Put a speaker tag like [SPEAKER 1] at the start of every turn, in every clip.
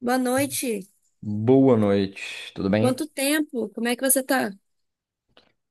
[SPEAKER 1] Boa noite.
[SPEAKER 2] Boa noite, tudo bem?
[SPEAKER 1] Quanto tempo? Como é que você tá?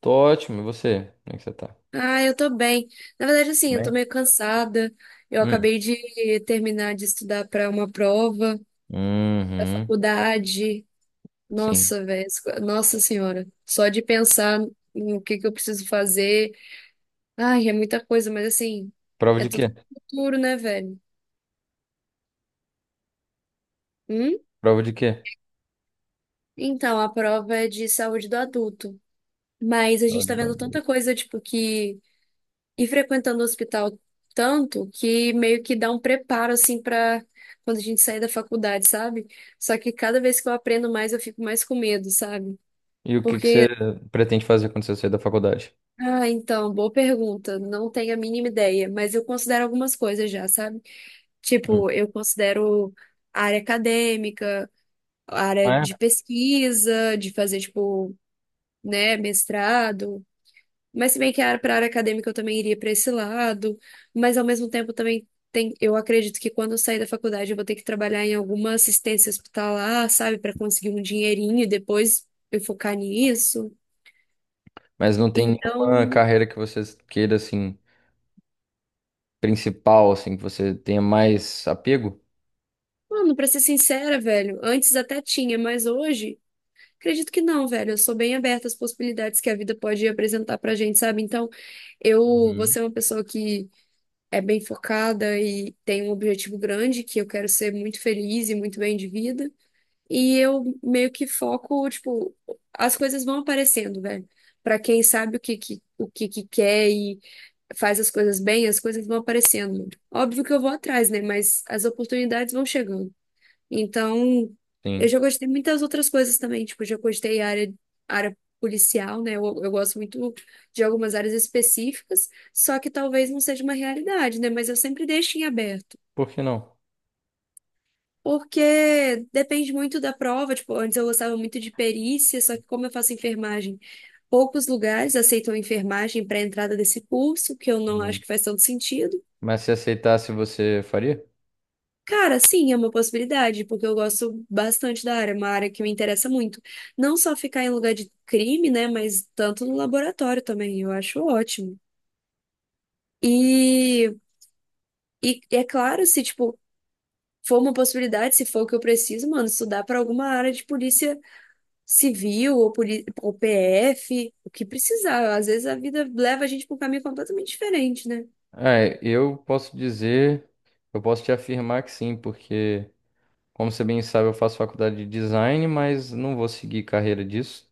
[SPEAKER 2] Tô ótimo, e você? Como é que você tá?
[SPEAKER 1] Ah, eu tô bem. Na verdade, assim, eu tô
[SPEAKER 2] Bem?
[SPEAKER 1] meio cansada. Eu
[SPEAKER 2] Hum.
[SPEAKER 1] acabei de terminar de estudar para uma prova da
[SPEAKER 2] Uhum,
[SPEAKER 1] faculdade.
[SPEAKER 2] sim.
[SPEAKER 1] Nossa, velho. Nossa Senhora. Só de pensar em o que que eu preciso fazer. Ai, é muita coisa, mas assim,
[SPEAKER 2] Prova
[SPEAKER 1] é
[SPEAKER 2] de quê?
[SPEAKER 1] tudo pro futuro, né, velho? Hum?
[SPEAKER 2] Prova de quê?
[SPEAKER 1] Então, a prova é de saúde do adulto. Mas a
[SPEAKER 2] Prova
[SPEAKER 1] gente
[SPEAKER 2] de
[SPEAKER 1] tá vendo tanta
[SPEAKER 2] bandeira.
[SPEAKER 1] coisa, tipo, que e frequentando o hospital tanto que meio que dá um preparo assim para quando a gente sair da faculdade, sabe? Só que cada vez que eu aprendo mais, eu fico mais com medo, sabe?
[SPEAKER 2] E o que que você
[SPEAKER 1] Porque,
[SPEAKER 2] pretende fazer quando você sair da faculdade?
[SPEAKER 1] ah, então, boa pergunta, não tenho a mínima ideia, mas eu considero algumas coisas já, sabe?
[SPEAKER 2] Hum.
[SPEAKER 1] Tipo, eu considero a área acadêmica, a área
[SPEAKER 2] É?
[SPEAKER 1] de pesquisa, de fazer, tipo, né, mestrado. Mas se bem que pra área acadêmica eu também iria para esse lado, mas ao mesmo tempo também tem, eu acredito que quando eu sair da faculdade eu vou ter que trabalhar em alguma assistência hospitalar, sabe, para conseguir um dinheirinho e depois eu focar nisso.
[SPEAKER 2] Mas não tem
[SPEAKER 1] Então,
[SPEAKER 2] nenhuma carreira que você queira, assim, principal, assim, que você tenha mais apego?
[SPEAKER 1] mano, para ser sincera, velho, antes até tinha, mas hoje acredito que não, velho. Eu sou bem aberta às possibilidades que a vida pode apresentar pra gente, sabe? Então, eu vou
[SPEAKER 2] Uhum.
[SPEAKER 1] ser uma pessoa que é bem focada e tem um objetivo grande, que eu quero ser muito feliz e muito bem de vida. E eu meio que foco, tipo, as coisas vão aparecendo, velho. Pra quem sabe o que que quer e faz as coisas bem, as coisas vão aparecendo. Óbvio que eu vou atrás, né? Mas as oportunidades vão chegando. Então, eu
[SPEAKER 2] Sim.
[SPEAKER 1] já gostei muitas outras coisas também. Tipo, já gostei área, área policial, né? Eu gosto muito de algumas áreas específicas, só que talvez não seja uma realidade, né? Mas eu sempre deixo em aberto.
[SPEAKER 2] Por que não?
[SPEAKER 1] Porque depende muito da prova. Tipo, antes eu gostava muito de perícia, só que como eu faço enfermagem, poucos lugares aceitam enfermagem para a entrada desse curso, que eu não acho
[SPEAKER 2] Hum.
[SPEAKER 1] que faz tanto sentido.
[SPEAKER 2] Mas se aceitasse, você faria?
[SPEAKER 1] Cara, sim, é uma possibilidade, porque eu gosto bastante da área, é uma área que me interessa muito. Não só ficar em lugar de crime, né, mas tanto no laboratório também, eu acho ótimo. E, e é claro, se, tipo, for uma possibilidade, se for o que eu preciso, mano, estudar para alguma área de polícia civil ou, ou PF, o que precisar. Às vezes a vida leva a gente para um caminho completamente diferente, né?
[SPEAKER 2] Ah, eu posso dizer, eu posso te afirmar que sim, porque. Como você bem sabe, eu faço faculdade de design, mas não vou seguir carreira disso.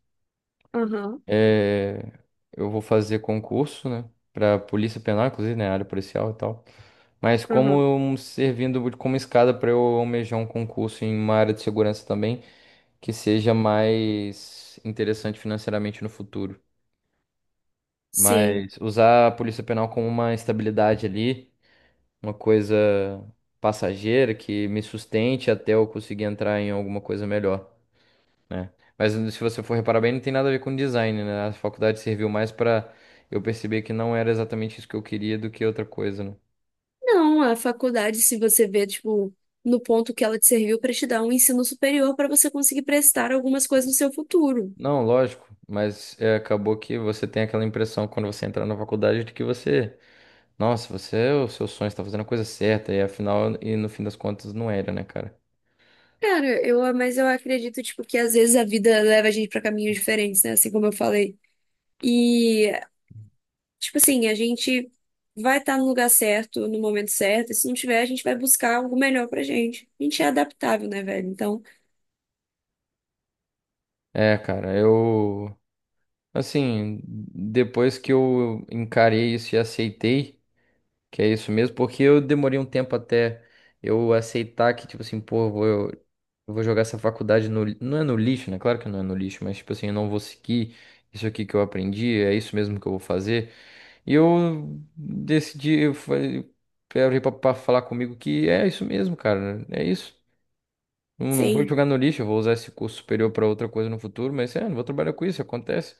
[SPEAKER 1] Aham,
[SPEAKER 2] É, eu vou fazer concurso, né, para Polícia Penal, inclusive, né, área policial e tal. Mas como
[SPEAKER 1] aham.
[SPEAKER 2] eu- servindo como escada para eu almejar um concurso em uma área de segurança também, que seja mais interessante financeiramente no futuro.
[SPEAKER 1] Sim.
[SPEAKER 2] Mas usar a Polícia Penal como uma estabilidade ali, uma coisa passageira que me sustente até eu conseguir entrar em alguma coisa melhor, né? Mas se você for reparar bem, não tem nada a ver com design, né? A faculdade serviu mais pra eu perceber que não era exatamente isso que eu queria do que outra coisa, né?
[SPEAKER 1] Não, a faculdade, se você vê, tipo, no ponto que ela te serviu para te dar um ensino superior para você conseguir prestar algumas coisas no seu futuro.
[SPEAKER 2] Não, lógico, mas é, acabou que você tem aquela impressão quando você entrar na faculdade de que você, nossa, você é o seu sonho, está fazendo a coisa certa, e afinal, e no fim das contas, não era, né, cara?
[SPEAKER 1] Cara, eu, mas eu acredito, tipo, que às vezes a vida leva a gente para caminhos diferentes, né? Assim como eu falei. E, tipo assim, a gente vai estar no lugar certo, no momento certo, e se não tiver, a gente vai buscar algo melhor pra gente. A gente é adaptável, né, velho? Então,
[SPEAKER 2] É, cara, eu, assim, depois que eu encarei isso e aceitei. Que é isso mesmo, porque eu demorei um tempo até eu aceitar que, tipo assim, pô, eu vou jogar essa faculdade Não é no lixo, né? Claro que não é no lixo, mas, tipo assim, eu não vou seguir isso aqui que eu aprendi, é isso mesmo que eu vou fazer. E eu decidi, eu falei pra falar comigo que é isso mesmo, cara, é isso. Não, não vou
[SPEAKER 1] sim,
[SPEAKER 2] jogar no lixo, eu vou usar esse curso superior pra outra coisa no futuro, mas é, não vou trabalhar com isso, acontece.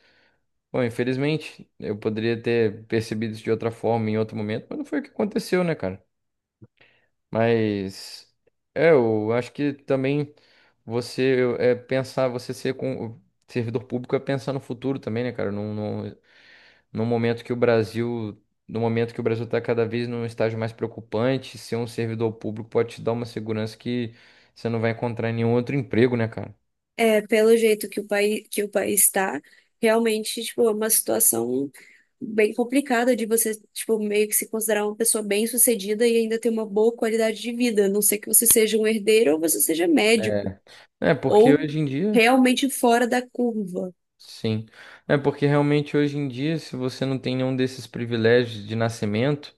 [SPEAKER 2] Bom, infelizmente, eu poderia ter percebido isso de outra forma em outro momento, mas não foi o que aconteceu, né, cara? Mas é, eu acho que também você é pensar, você ser com servidor público é pensar no futuro também, né, cara? Num, num, num momento que o Brasil, no momento que o Brasil está cada vez num estágio mais preocupante, ser um servidor público pode te dar uma segurança que você não vai encontrar em nenhum outro emprego, né, cara?
[SPEAKER 1] é, pelo jeito que o país está, realmente, tipo, é uma situação bem complicada de você, tipo, meio que se considerar uma pessoa bem-sucedida e ainda ter uma boa qualidade de vida, a não ser que você seja um herdeiro ou você seja médico,
[SPEAKER 2] É, é, porque
[SPEAKER 1] ou
[SPEAKER 2] hoje em dia.
[SPEAKER 1] realmente fora da curva.
[SPEAKER 2] Sim. É porque realmente hoje em dia, se você não tem nenhum desses privilégios de nascimento,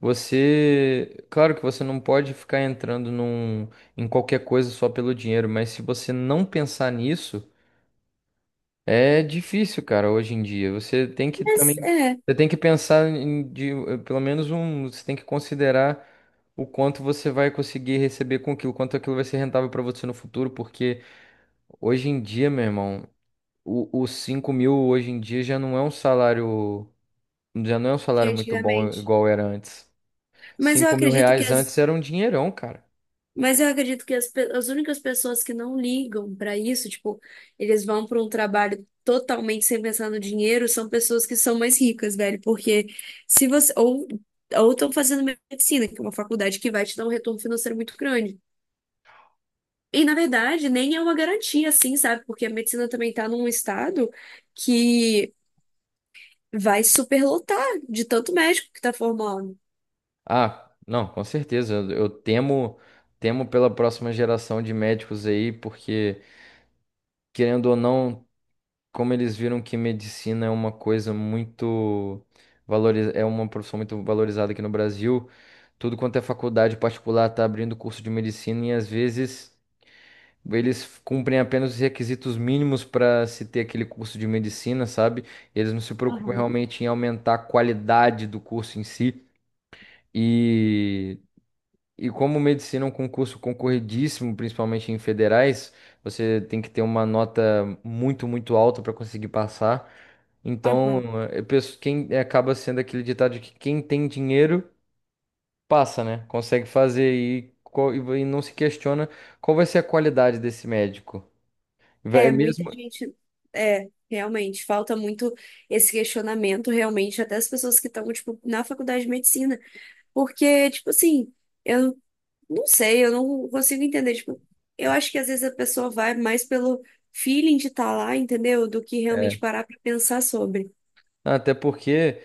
[SPEAKER 2] você, claro que você não pode ficar entrando em qualquer coisa só pelo dinheiro, mas se você não pensar nisso, é difícil, cara, hoje em dia. Você tem que
[SPEAKER 1] Mas
[SPEAKER 2] também,
[SPEAKER 1] é,
[SPEAKER 2] você tem que pensar em, pelo menos um, você tem que considerar o quanto você vai conseguir receber com aquilo, quanto aquilo vai ser rentável para você no futuro, porque hoje em dia, meu irmão. Os 5.000 hoje em dia já não é um salário, já não é um
[SPEAKER 1] de
[SPEAKER 2] salário muito bom
[SPEAKER 1] antigamente.
[SPEAKER 2] igual era antes.
[SPEAKER 1] Mas eu
[SPEAKER 2] cinco mil
[SPEAKER 1] acredito que
[SPEAKER 2] reais antes
[SPEAKER 1] as,
[SPEAKER 2] era um dinheirão, cara.
[SPEAKER 1] mas eu acredito que as, as únicas pessoas que não ligam para isso, tipo, eles vão para um trabalho totalmente sem pensar no dinheiro, são pessoas que são mais ricas, velho, porque se você ou estão fazendo medicina, que é uma faculdade que vai te dar um retorno financeiro muito grande. E na verdade, nem é uma garantia assim, sabe? Porque a medicina também tá num estado que vai superlotar de tanto médico que tá formando.
[SPEAKER 2] Ah, não, com certeza. Eu temo pela próxima geração de médicos aí, porque, querendo ou não, como eles viram que medicina é uma coisa muito valoriz... é uma profissão muito valorizada aqui no Brasil, tudo quanto é faculdade particular tá abrindo curso de medicina e às vezes. Eles cumprem apenas os requisitos mínimos para se ter aquele curso de medicina, sabe? Eles não se preocupam
[SPEAKER 1] Aham.
[SPEAKER 2] realmente em aumentar a qualidade do curso em si. E, e como medicina é um concurso concorridíssimo, principalmente em federais, você tem que ter uma nota muito, muito alta para conseguir passar. Então,
[SPEAKER 1] Aham.
[SPEAKER 2] eu penso, quem é, acaba sendo aquele ditado de que quem tem dinheiro passa, né? Consegue fazer e não se questiona qual vai ser a qualidade desse médico. Vai,
[SPEAKER 1] É, muita
[SPEAKER 2] mesmo.
[SPEAKER 1] gente. É, realmente, falta muito esse questionamento, realmente, até as pessoas que estão, tipo, na faculdade de medicina. Porque, tipo assim, eu não sei, eu não consigo entender. Tipo, eu acho que às vezes a pessoa vai mais pelo feeling de estar lá, entendeu? Do que
[SPEAKER 2] É.
[SPEAKER 1] realmente parar pra pensar sobre.
[SPEAKER 2] Até porque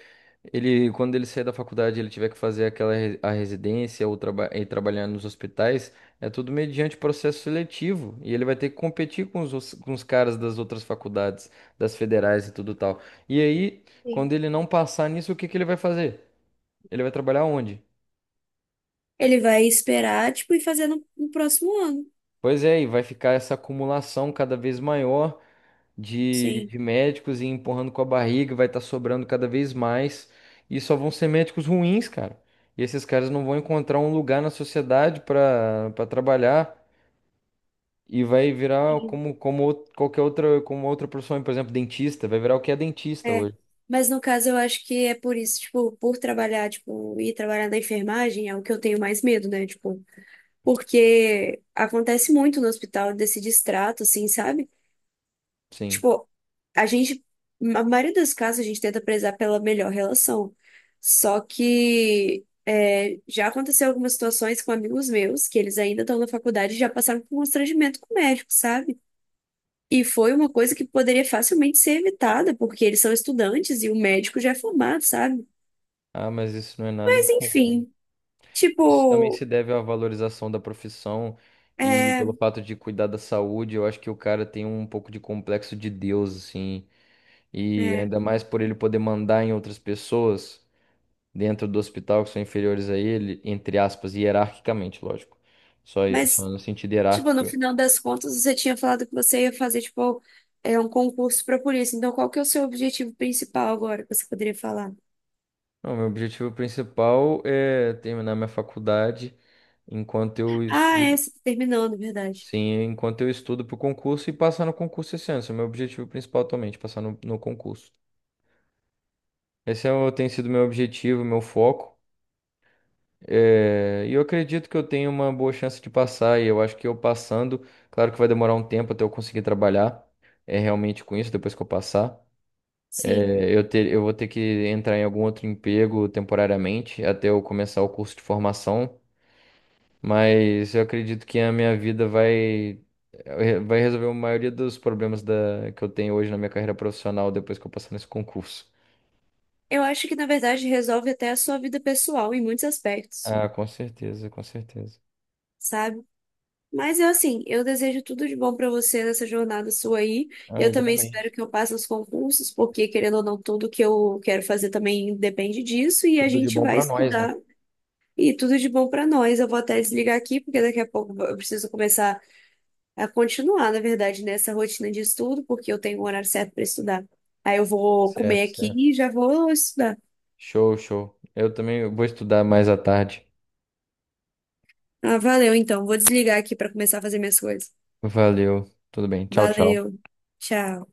[SPEAKER 2] ele, quando ele sair da faculdade, ele tiver que fazer a residência ou trabalhar nos hospitais, é tudo mediante processo seletivo e ele vai ter que competir com com os caras das outras faculdades, das federais e tudo tal. E aí,
[SPEAKER 1] Sim.
[SPEAKER 2] quando ele não passar nisso, o que que ele vai fazer? Ele vai trabalhar onde?
[SPEAKER 1] Ele vai esperar, tipo, e fazer no próximo ano.
[SPEAKER 2] Pois é, e vai ficar essa acumulação cada vez maior. de,
[SPEAKER 1] Sim.
[SPEAKER 2] de médicos e empurrando com a barriga, vai estar sobrando cada vez mais. E só vão ser médicos ruins, cara. E esses caras não vão encontrar um lugar na sociedade para trabalhar e vai virar
[SPEAKER 1] Sim.
[SPEAKER 2] qualquer outra, como outra profissão, por exemplo, dentista, vai virar o que é dentista
[SPEAKER 1] É.
[SPEAKER 2] hoje.
[SPEAKER 1] Mas no caso, eu acho que é por isso, tipo, por trabalhar, tipo, ir trabalhar na enfermagem é o que eu tenho mais medo, né? Tipo. Porque acontece muito no hospital desse distrato, assim, sabe?
[SPEAKER 2] Sim.
[SPEAKER 1] Tipo, a gente, na maioria dos casos, a gente tenta prezar pela melhor relação. Só que é, já aconteceu algumas situações com amigos meus, que eles ainda estão na faculdade e já passaram por um constrangimento com o médico, sabe? E foi uma coisa que poderia facilmente ser evitada, porque eles são estudantes e o médico já é formado, sabe?
[SPEAKER 2] Ah, mas isso não é nada
[SPEAKER 1] Mas
[SPEAKER 2] incomum.
[SPEAKER 1] enfim,
[SPEAKER 2] Isso também
[SPEAKER 1] tipo,
[SPEAKER 2] se deve à valorização da profissão e
[SPEAKER 1] é,
[SPEAKER 2] pelo fato de cuidar da saúde, eu acho que o cara tem um pouco de complexo de Deus, assim. E
[SPEAKER 1] é.
[SPEAKER 2] ainda mais por ele poder mandar em outras pessoas dentro do hospital que são inferiores a ele, entre aspas, hierarquicamente, lógico. Só, só
[SPEAKER 1] Mas,
[SPEAKER 2] no sentido
[SPEAKER 1] tipo, no
[SPEAKER 2] hierárquico.
[SPEAKER 1] final das contas, você tinha falado que você ia fazer, tipo, é um concurso para polícia. Então, qual que é o seu objetivo principal agora que você poderia falar?
[SPEAKER 2] Não, meu objetivo principal é terminar minha faculdade enquanto eu
[SPEAKER 1] Ah, é,
[SPEAKER 2] estudo.
[SPEAKER 1] você terminou, na verdade.
[SPEAKER 2] Sim, enquanto eu estudo para o concurso e passar no concurso esse ano. Esse é o meu objetivo principal atualmente, passar no concurso. Esse é, o- tem sido meu objetivo, meu foco. É, e eu acredito que eu tenho uma boa chance de passar, e eu acho que eu passando, claro que vai demorar um tempo até eu conseguir trabalhar é, realmente com isso, depois que eu passar.
[SPEAKER 1] Sim.
[SPEAKER 2] É, eu vou ter que entrar em algum outro emprego temporariamente até eu começar o curso de formação, mas eu acredito que a minha vida vai, é, vai resolver a maioria dos problemas que eu tenho hoje na minha carreira profissional depois que eu passar nesse concurso.
[SPEAKER 1] Eu acho que, na verdade, resolve até a sua vida pessoal em muitos aspectos,
[SPEAKER 2] Ah, com certeza, com certeza.
[SPEAKER 1] sabe? Mas eu, assim, eu desejo tudo de bom para você nessa jornada sua aí.
[SPEAKER 2] Ah,
[SPEAKER 1] Eu também espero
[SPEAKER 2] igualmente.
[SPEAKER 1] que eu passe os concursos, porque, querendo ou não, tudo que eu quero fazer também depende disso. E a
[SPEAKER 2] Tudo de
[SPEAKER 1] gente
[SPEAKER 2] bom
[SPEAKER 1] vai
[SPEAKER 2] pra nós, né?
[SPEAKER 1] estudar. E tudo de bom pra nós. Eu vou até desligar aqui, porque daqui a pouco eu preciso começar a continuar, na verdade, nessa rotina de estudo, porque eu tenho um horário certo para estudar. Aí eu vou comer
[SPEAKER 2] Certo,
[SPEAKER 1] aqui
[SPEAKER 2] certo.
[SPEAKER 1] e já vou estudar.
[SPEAKER 2] Show, show. Eu também vou estudar mais à tarde.
[SPEAKER 1] Ah, valeu, então. Vou desligar aqui para começar a fazer minhas coisas.
[SPEAKER 2] Valeu. Tudo bem. Tchau, tchau.
[SPEAKER 1] Valeu. Tchau.